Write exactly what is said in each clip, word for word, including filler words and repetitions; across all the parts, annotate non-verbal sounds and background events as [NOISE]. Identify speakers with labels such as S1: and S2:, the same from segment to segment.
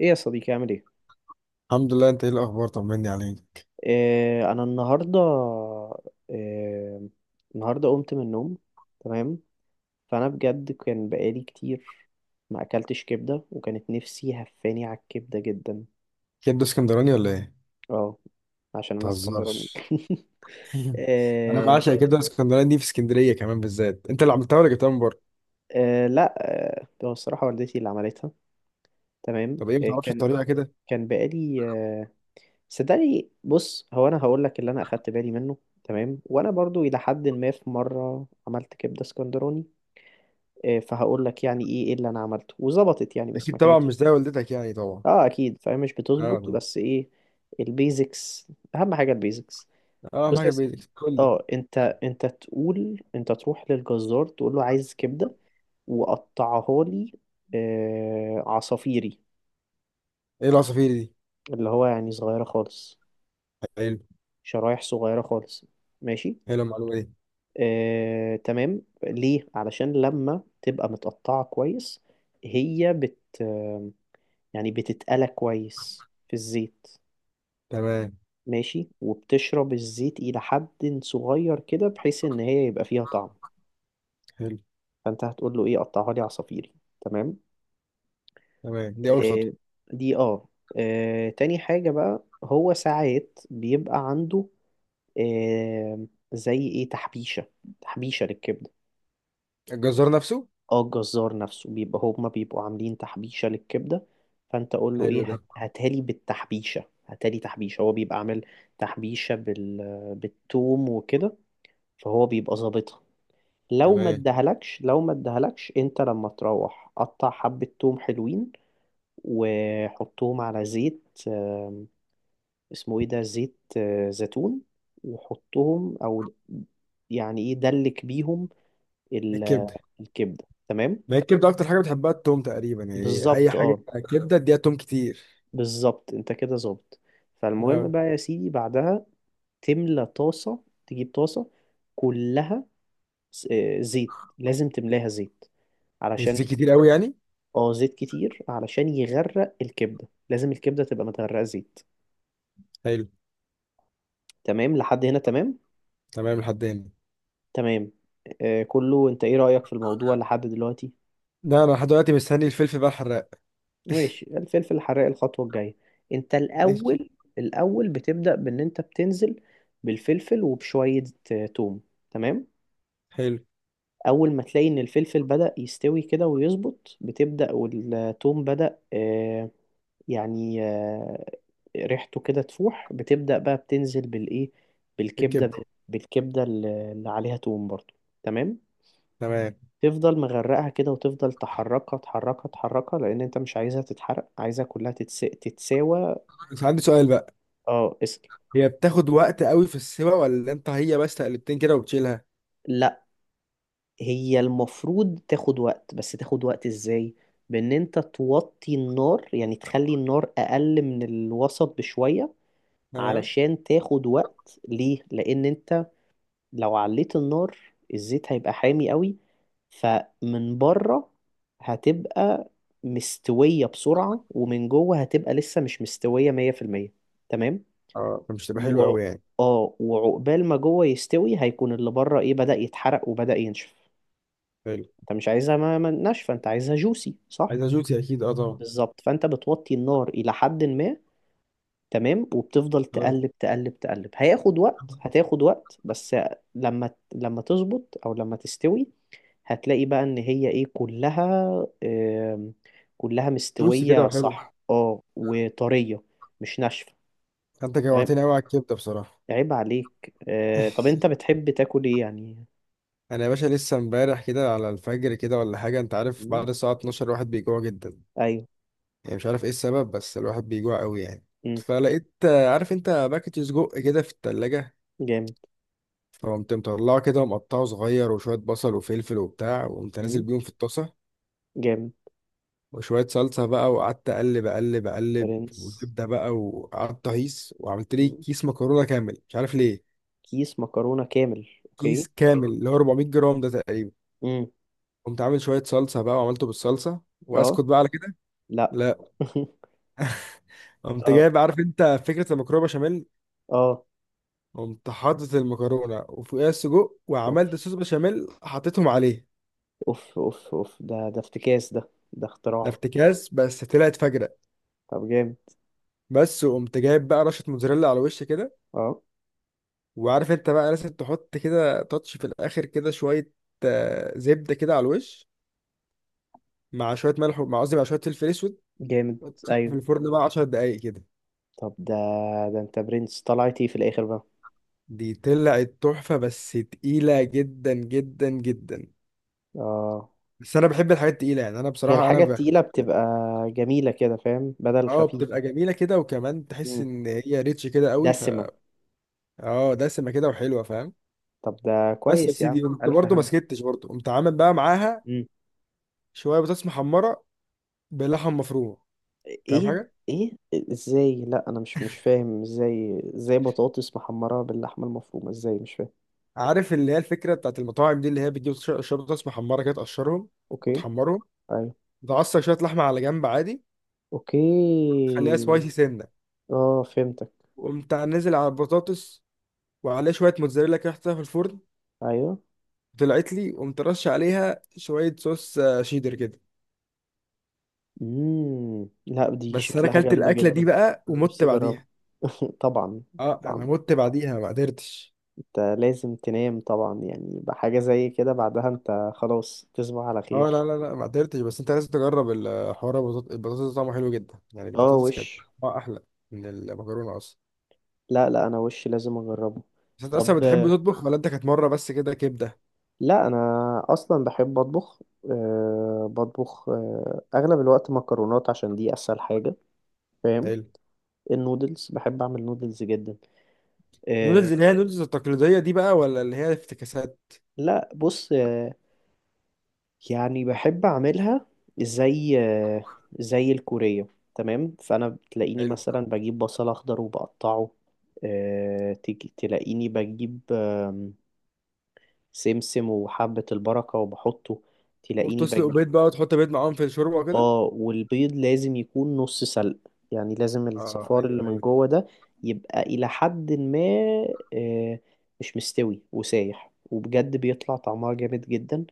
S1: ايه يا صديقي، عامل ايه؟
S2: الحمد لله، انت ايه الاخبار؟ طمني عليك.
S1: آه انا النهارده آه النهارده قمت من النوم. تمام. فانا بجد كان بقالي كتير ما اكلتش كبده، وكانت نفسي هفاني على الكبده جدا.
S2: كبده اسكندراني ولا ايه؟
S1: اه، عشان انا اسكندراني.
S2: متهزرش!
S1: [LAUGHS]
S2: [LAUGHS] انا
S1: آه،
S2: بعشق كبده اسكندراني دي في اسكندريه كمان بالذات، انت اللي عملتها ولا جبتها من بره؟
S1: آه، لا. آه هو الصراحه والدتي اللي عملتها. تمام.
S2: طب ايه، ما
S1: آه
S2: تعرفش
S1: كان
S2: الطريقه كده؟
S1: كان بقالي آه صدقني. بص، هو انا هقول لك اللي انا اخدت بالي منه. تمام. وانا برضو الى حد ما في مره عملت كبده اسكندراني. إيه، فهقول لك يعني ايه إيه اللي انا عملته وظبطت يعني، بس
S2: اكيد
S1: ما
S2: طبعا
S1: كانتش.
S2: مش زي والدتك يعني، طبعا.
S1: اه اكيد، فهي مش
S2: اه
S1: بتظبط،
S2: طبعا.
S1: بس ايه؟ البيزكس. اهم حاجه البيزكس.
S2: اه
S1: بص
S2: معاك،
S1: يا سيدي.
S2: البيت قول لي.
S1: اه انت انت تقول، انت تروح للجزار تقول له عايز كبده وقطعها لي آه عصافيري.
S2: ايه العصافير دي؟
S1: اللي هو يعني صغيره خالص،
S2: حلو.
S1: شرايح صغيره خالص. ماشي.
S2: حلو المعلومه دي.
S1: آه تمام. ليه؟ علشان لما تبقى متقطعه كويس، هي بت يعني بتتقلى كويس في الزيت.
S2: تمام.
S1: ماشي. وبتشرب الزيت إلى حد صغير كده، بحيث إن هي يبقى فيها طعم.
S2: حلو.
S1: فأنت هتقول له إيه؟ قطعها لي عصافيري. تمام.
S2: تمام، دي اول خطوه.
S1: آه دي آه. آه تاني حاجة بقى، هو ساعات بيبقى عنده آه زي إيه، تحبيشة، تحبيشة للكبدة.
S2: الجزار نفسه؟
S1: اه، الجزار نفسه بيبقى، هما بيبقوا عاملين تحبيشة للكبدة. فانت قول له
S2: حلو
S1: ايه،
S2: ده.
S1: هات- هاتها لي بالتحبيشة، هاتها لي تحبيشة، هو بيبقى عامل تحبيشة بال... بالثوم وكده. فهو بيبقى ظابطها. لو ما
S2: تمام.
S1: ادهلكش لو ما ادهلكش انت، لما تروح قطع حبة ثوم حلوين وحطهم على زيت آم، اسمه ايه ده، زيت آه، زيتون. وحطهم او، يعني ايه، دلك بيهم ال-
S2: الكبده.
S1: الكبدة. تمام.
S2: ما هي الكبده اكتر حاجه بتحبها التوم تقريبا، يعني اي
S1: بالظبط
S2: حاجه.
S1: اه
S2: كبده اديها توم كتير.
S1: بالظبط انت كده ظابط. فالمهم
S2: اه،
S1: بقى يا سيدي، بعدها تملى طاسة، تجيب طاسة كلها س- آه، زيت. لازم تملاها زيت، علشان...
S2: الزيت كتير قوي يعني؟
S1: اه زيت كتير، علشان يغرق الكبدة، لازم الكبدة تبقى متغرقة زيت.
S2: حلو.
S1: تمام لحد هنا. تمام.
S2: تمام لحد هنا.
S1: تمام. آه كله. انت ايه رأيك في الموضوع لحد دلوقتي؟
S2: ده انا لحد دلوقتي مستني الفلفل بقى الحراق.
S1: ماشي، الفلفل الحراق الخطوة الجاية. انت
S2: ماشي.
S1: الاول الاول بتبدأ بان انت بتنزل بالفلفل وبشوية آه، توم. تمام.
S2: حلو.
S1: اول ما تلاقي ان الفلفل بدأ يستوي كده ويظبط، بتبدأ، والثوم بدأ آه، يعني آه، ريحته كده تفوح، بتبدأ بقى بتنزل بالايه؟ بالكبدة.
S2: بالكبدة.
S1: بالكبدة اللي اللي عليها توم برضو. تمام.
S2: تمام.
S1: تفضل مغرقها كده، وتفضل تحركها تحركها تحركها، لان انت مش عايزها تتحرق، عايزها كلها تتس... تتساوى.
S2: بس عندي سؤال بقى.
S1: اه اسكت.
S2: هي بتاخد وقت قوي في السوا، ولا انت هي بس تقلبتين كده وبتشيلها؟
S1: هي المفروض تاخد وقت، بس تاخد وقت ازاي؟ بان انت توطي النار، يعني تخلي النار اقل من الوسط بشوية.
S2: تمام.
S1: علشان تاخد وقت. ليه؟ لان انت لو عليت النار، الزيت هيبقى حامي قوي، فمن بره هتبقى مستوية بسرعة، ومن جوه هتبقى لسه مش مستوية مية في المية. تمام.
S2: اه، فمش تبقى حلو
S1: وع...
S2: قوي يعني.
S1: اه وعقبال ما جوه يستوي، هيكون اللي بره ايه، بدأ يتحرق وبدأ ينشف.
S2: حلو.
S1: انت مش عايزها ما- ما- ناشفه، انت عايزها جوسي، صح؟
S2: عايزها جوسي اكيد، اه طبعا.
S1: بالظبط. فانت بتوطي النار الى حد ما. تمام. وبتفضل
S2: تمام.
S1: تقلب تقلب تقلب. هياخد وقت، هتاخد وقت بس. لما لما تظبط او لما تستوي، هتلاقي بقى ان هي ايه، كلها آم، كلها
S2: جوسي كده
S1: مستوية،
S2: وحلو.
S1: صح؟ اه، وطرية، مش ناشفة.
S2: انت
S1: تمام.
S2: جوعتني قوي على الكبده بصراحه.
S1: عيب عليك آه، طب انت بتحب تاكل ايه يعني؟
S2: انا يا باشا لسه امبارح كده على الفجر كده ولا حاجه، انت عارف
S1: مم.
S2: بعد الساعه الثانية عشرة الواحد بيجوع جدا.
S1: ايوه.
S2: يعني مش عارف ايه السبب، بس الواحد بيجوع قوي يعني.
S1: مم.
S2: فلقيت آه، عارف انت باكت سجق كده في التلاجة.
S1: جامد.
S2: فقمت مطلعه كده ومقطعه صغير وشوية بصل وفلفل وبتاع، وقمت نازل
S1: مم.
S2: بيهم في الطاسة.
S1: جامد.
S2: وشوية صلصة بقى، وقعدت أقلب أقلب أقلب
S1: برنس.
S2: وزبدة بقى، وقعدت أهيص وعملت لي كيس مكرونة كامل، مش عارف ليه.
S1: كيس مكرونة كامل،
S2: كيس
S1: اوكي.
S2: كامل اللي هو اربعميت جرام ده تقريبا.
S1: امم.
S2: قمت عامل شوية صلصة بقى وعملته بالصلصة،
S1: اه.
S2: وأسكت بقى على كده.
S1: لا.
S2: لا.
S1: [LAUGHS]
S2: قمت
S1: اه
S2: جايب، عارف أنت فكرة المكرونة بشاميل.
S1: اه،
S2: قمت حاطط المكرونة وفوقيها السجق، وعملت
S1: اوف
S2: صوص بشاميل حطيتهم عليه.
S1: اوف اوف اوف، ده ده افتكاس، ده ده
S2: ده
S1: اختراع.
S2: افتكاس بس طلعت فجرة.
S1: طب جامد.
S2: بس وقمت جايب بقى رشه موتزاريلا على وش كده.
S1: اه
S2: وعارف انت بقى لازم تحط كده تاتش في الاخر كده شويه، آه، زبده كده على الوش، مع شويه ملح و- مع قصدي مع شويه فلفل اسود.
S1: جامد.
S2: وتسيبها في
S1: ايوه.
S2: الفرن بقى عشر دقايق كده.
S1: طب ده ده انت برنس. طلعت ايه في الاخر بقى؟
S2: دي طلعت تحفه، بس تقيله جدا جدا جدا.
S1: اه.
S2: بس انا بحب الحاجات التقيله يعني، انا
S1: هي
S2: بصراحه انا
S1: الحاجة
S2: بح...
S1: التقيلة بتبقى جميلة كده، فاهم، بدل
S2: اه
S1: خفيفة.
S2: بتبقى جميله كده، وكمان تحس
S1: مم.
S2: ان هي ريتش كده قوي ف.
S1: دسمة.
S2: اه دسمه كده وحلوه، فاهم.
S1: طب ده
S2: بس يا
S1: كويس يا عم،
S2: سيدي، قمت
S1: ألف
S2: برضه ما
S1: هنا.
S2: سكتش، برضه قمت عامل بقى معاها
S1: مم.
S2: شويه بطاطس محمره بلحم مفروم. فاهم
S1: ايه؟
S2: حاجه؟
S1: ايه؟ ازاي؟ لا، انا مش مش فاهم. ازاي ازاي بطاطس محمرة باللحمة المفرومة؟ ازاي؟ مش فاهم.
S2: عارف اللي هي الفكره بتاعت المطاعم دي، اللي هي بتجيب ش- شوربه محمره كده، تقشرهم
S1: اوكي.
S2: وتحمرهم.
S1: ايوه.
S2: تعصر شويه لحمه على جنب عادي.
S1: اوكي.
S2: خليها سبايسي سنه.
S1: اه، فهمتك.
S2: وقمت نازل على البطاطس، وعليه شويه موتزاريلا كده حطيتها في الفرن.
S1: ايوه.
S2: طلعت لي، وقمت رش عليها شويه صوص آه، شيدر كده.
S1: امم. لا، دي
S2: بس انا
S1: شكلها
S2: اكلت
S1: جامده
S2: الاكله دي
S1: جدا.
S2: بقى
S1: انا
S2: ومت
S1: نفسي اجربها.
S2: بعديها.
S1: [LAUGHS] طبعا.
S2: اه
S1: طبعا
S2: انا مت بعديها، ما قدرتش.
S1: انت لازم تنام طبعا يعني، بحاجه زي كده بعدها انت خلاص تصبح على
S2: اه لا
S1: خير.
S2: لا لا، ما قدرتش. بس انت لازم تجرب الحوار. البطاطس البطاطس طعمه حلو جدا يعني،
S1: اه
S2: البطاطس كانت
S1: وش.
S2: طعمها احلى من المكرونه اصلا.
S1: لا لا، انا وش لازم اجربه.
S2: بس انت اصلا
S1: طب
S2: بتحب
S1: آه،
S2: تطبخ، ولا انت كانت مره بس كده كبده؟
S1: لا انا اصلا بحب اطبخ. أه بطبخ أه اغلب الوقت مكرونات، عشان دي اسهل حاجه. فاهم.
S2: حلو.
S1: النودلز، بحب اعمل نودلز جدا. آه،
S2: نودلز، اللي هي النودلز التقليديه دي بقى ولا اللي هي افتكاسات؟
S1: لا بص آه، يعني بحب اعملها زي آه، زي الكورية. تمام. فانا بتلاقيني
S2: حلو.
S1: مثلا بجيب بصل اخضر وبقطعه. آه، تيجي تلاقيني بجيب آم، سمسم وحبة البركة وبحطه. تلاقيني
S2: وتسلق
S1: بجيب.
S2: بيض بقى، وتحط بيض معاهم في الشوربه وكده.
S1: اه، والبيض لازم يكون نص سلق، يعني لازم
S2: اه. آه،
S1: الصفار اللي
S2: ايوه
S1: من
S2: ايوه.
S1: جوه ده يبقى إلى حد ما آه، مش مستوي وسايح، وبجد بيطلع طعمها جامد جدا.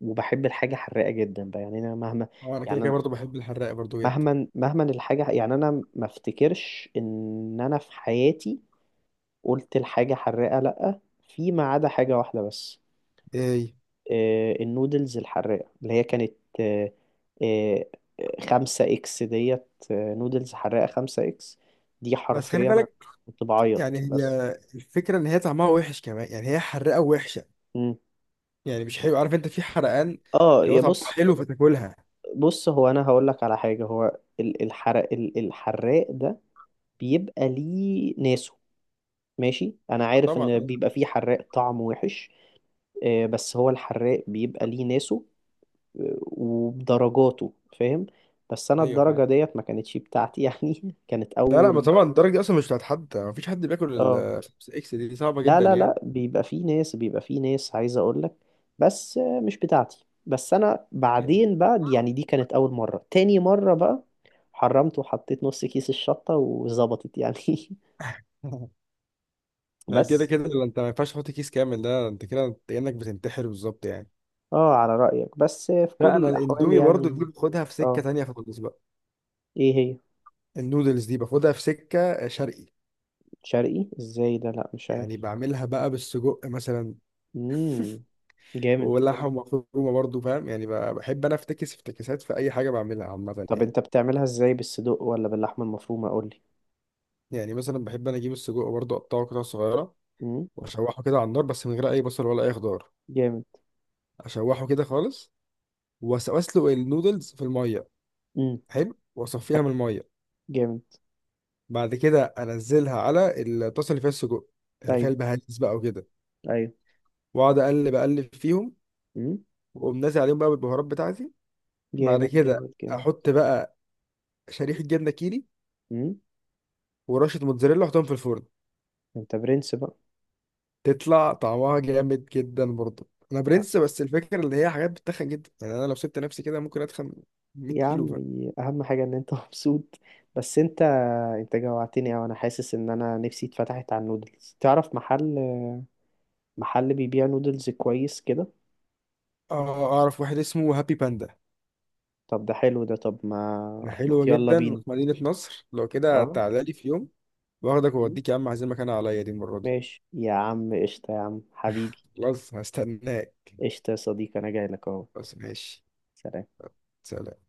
S1: وبحب الحاجة حراقة جدا بقى، يعني أنا مهما
S2: اه انا كده
S1: يعني
S2: كده
S1: أنا
S2: برضه بحب الحراق برضه جدا.
S1: مهما مهما الحاجة. يعني أنا ما افتكرش إن أنا في حياتي قلت الحاجة حراقة، لأ، فيما عدا حاجة واحدة بس.
S2: ايه؟
S1: آه، النودلز الحراقة اللي هي كانت آه، آه، خمسة إكس ديت آه، نودلز حراقة خمسة إكس. دي
S2: بس خلي
S1: حرفيا أنا
S2: بالك.
S1: كنت
S2: يعني
S1: بعيط
S2: هي
S1: بس.
S2: الفكره ان هي طعمها وحش كمان، يعني هي حراقه وحشه.
S1: مم.
S2: يعني مش حلو، عارف انت في حرقان
S1: اه
S2: اللي هو
S1: يا
S2: طعمها
S1: بص.
S2: حلو فتاكلها.
S1: بص، هو أنا هقول لك على حاجة. هو ال- الحرق ال- الحراق ده بيبقى ليه ناسه. ماشي، أنا
S2: آه،
S1: عارف
S2: طبعا
S1: إن
S2: آه.
S1: بيبقى فيه حراق طعم وحش. آه، بس هو الحراق بيبقى ليه ناسه. آه، وبدرجاته. فاهم. بس أنا
S2: ايوه فاهم.
S1: الدرجة ديت ما كانتش بتاعتي يعني، [LAUGHS] كانت
S2: لا لا، ما
S1: أول...
S2: طبعا الدرجه دي اصلا مش بتاعت حد، مفيش حد بياكل
S1: اه
S2: ال خمسة اكس دي, دي صعبه
S1: لا
S2: جدا
S1: لا لا،
S2: يعني.
S1: بيبقى في ناس بيبقى في ناس عايز اقول لك. بس آه، مش بتاعتي. بس انا بعدين بقى، يعني دي كانت اول مرة. تاني مرة بقى حرمت وحطيت نص كيس الشطة وظبطت يعني. [LAUGHS]
S2: [LAUGHS] ما هي كده
S1: بس
S2: كده، لو انت ما ينفعش تحط كيس كامل ده، انت كده انت كانك بتنتحر بالظبط يعني.
S1: اه على رأيك، بس آه، في
S2: لا
S1: كل
S2: انا
S1: الاحوال
S2: الاندومي برضو دي
S1: يعني.
S2: باخدها في سكه
S1: اه،
S2: تانية خالص بقى.
S1: ايه هي؟
S2: النودلز دي باخدها في سكه شرقي.
S1: شرقي ازاي ده؟ لا، مش
S2: يعني
S1: عارف.
S2: بعملها بقى بالسجق مثلا،
S1: امم. جامد.
S2: ولحم مفرومه برضو، فاهم يعني؟ ب- بحب انا افتكس افتكاسات في اي حاجه بعملها عامه
S1: طب
S2: يعني.
S1: انت بتعملها ازاي، بالصدوق ولا باللحمة المفرومة؟ قولي.
S2: يعني مثلا بحب انا اجيب السجق برضو، اقطعه قطع صغيره،
S1: امم.
S2: واشوحه كده على النار بس من غير اي بصل ولا اي خضار.
S1: جامد.
S2: اشوحه كده خالص. وأس- واسلق النودلز في الميه.
S1: امم.
S2: حلو، واصفيها من الميه.
S1: جامد.
S2: بعد كده انزلها على الطاسه اللي فيها السجق، اللي فيها
S1: ايوه.
S2: البهارات بقى وكده.
S1: ايوه.
S2: واقعد اقلب اقلب فيهم،
S1: امم.
S2: واقوم نازل عليهم بقى بالبهارات بتاعتي. بعد
S1: جامد.
S2: كده
S1: جامد. جامد.
S2: احط بقى شريحه جبنه كيري
S1: امم.
S2: ورشه موتزاريلا، واحطهم في الفرن.
S1: انت برنس بقى.
S2: تطلع طعمها جامد جدا، برضه انا برنس. بس الفكره اللي هي حاجات بتتخن جدا يعني، انا لو سبت نفسي كده ممكن اتخن ميت
S1: يا
S2: كيلو
S1: عم،
S2: ف.
S1: اهم حاجه ان انت [LAUGHS] مبسوط. بس انت انت جوعتني اوي. انا حاسس ان انا نفسي اتفتحت على النودلز. تعرف محل محل بيبيع نودلز كويس كده؟
S2: اه، اعرف واحد اسمه هابي باندا.
S1: طب ده حلو ده، طب ما
S2: ده
S1: ما
S2: حلو
S1: يلا
S2: جدا
S1: بينا.
S2: وفي مدينه نصر، لو كده
S1: اه.
S2: تعالى لي في يوم واخدك
S1: مم.
S2: واوديك. يا عم، عايزين مكان عليا دي المره دي.
S1: ماشي يا عم، قشطه يا عم حبيبي.
S2: خلاص هستناك.
S1: قشطه يا صديقي، انا جاي لك اهو.
S2: بس ماشي.
S1: سلام.
S2: سلام.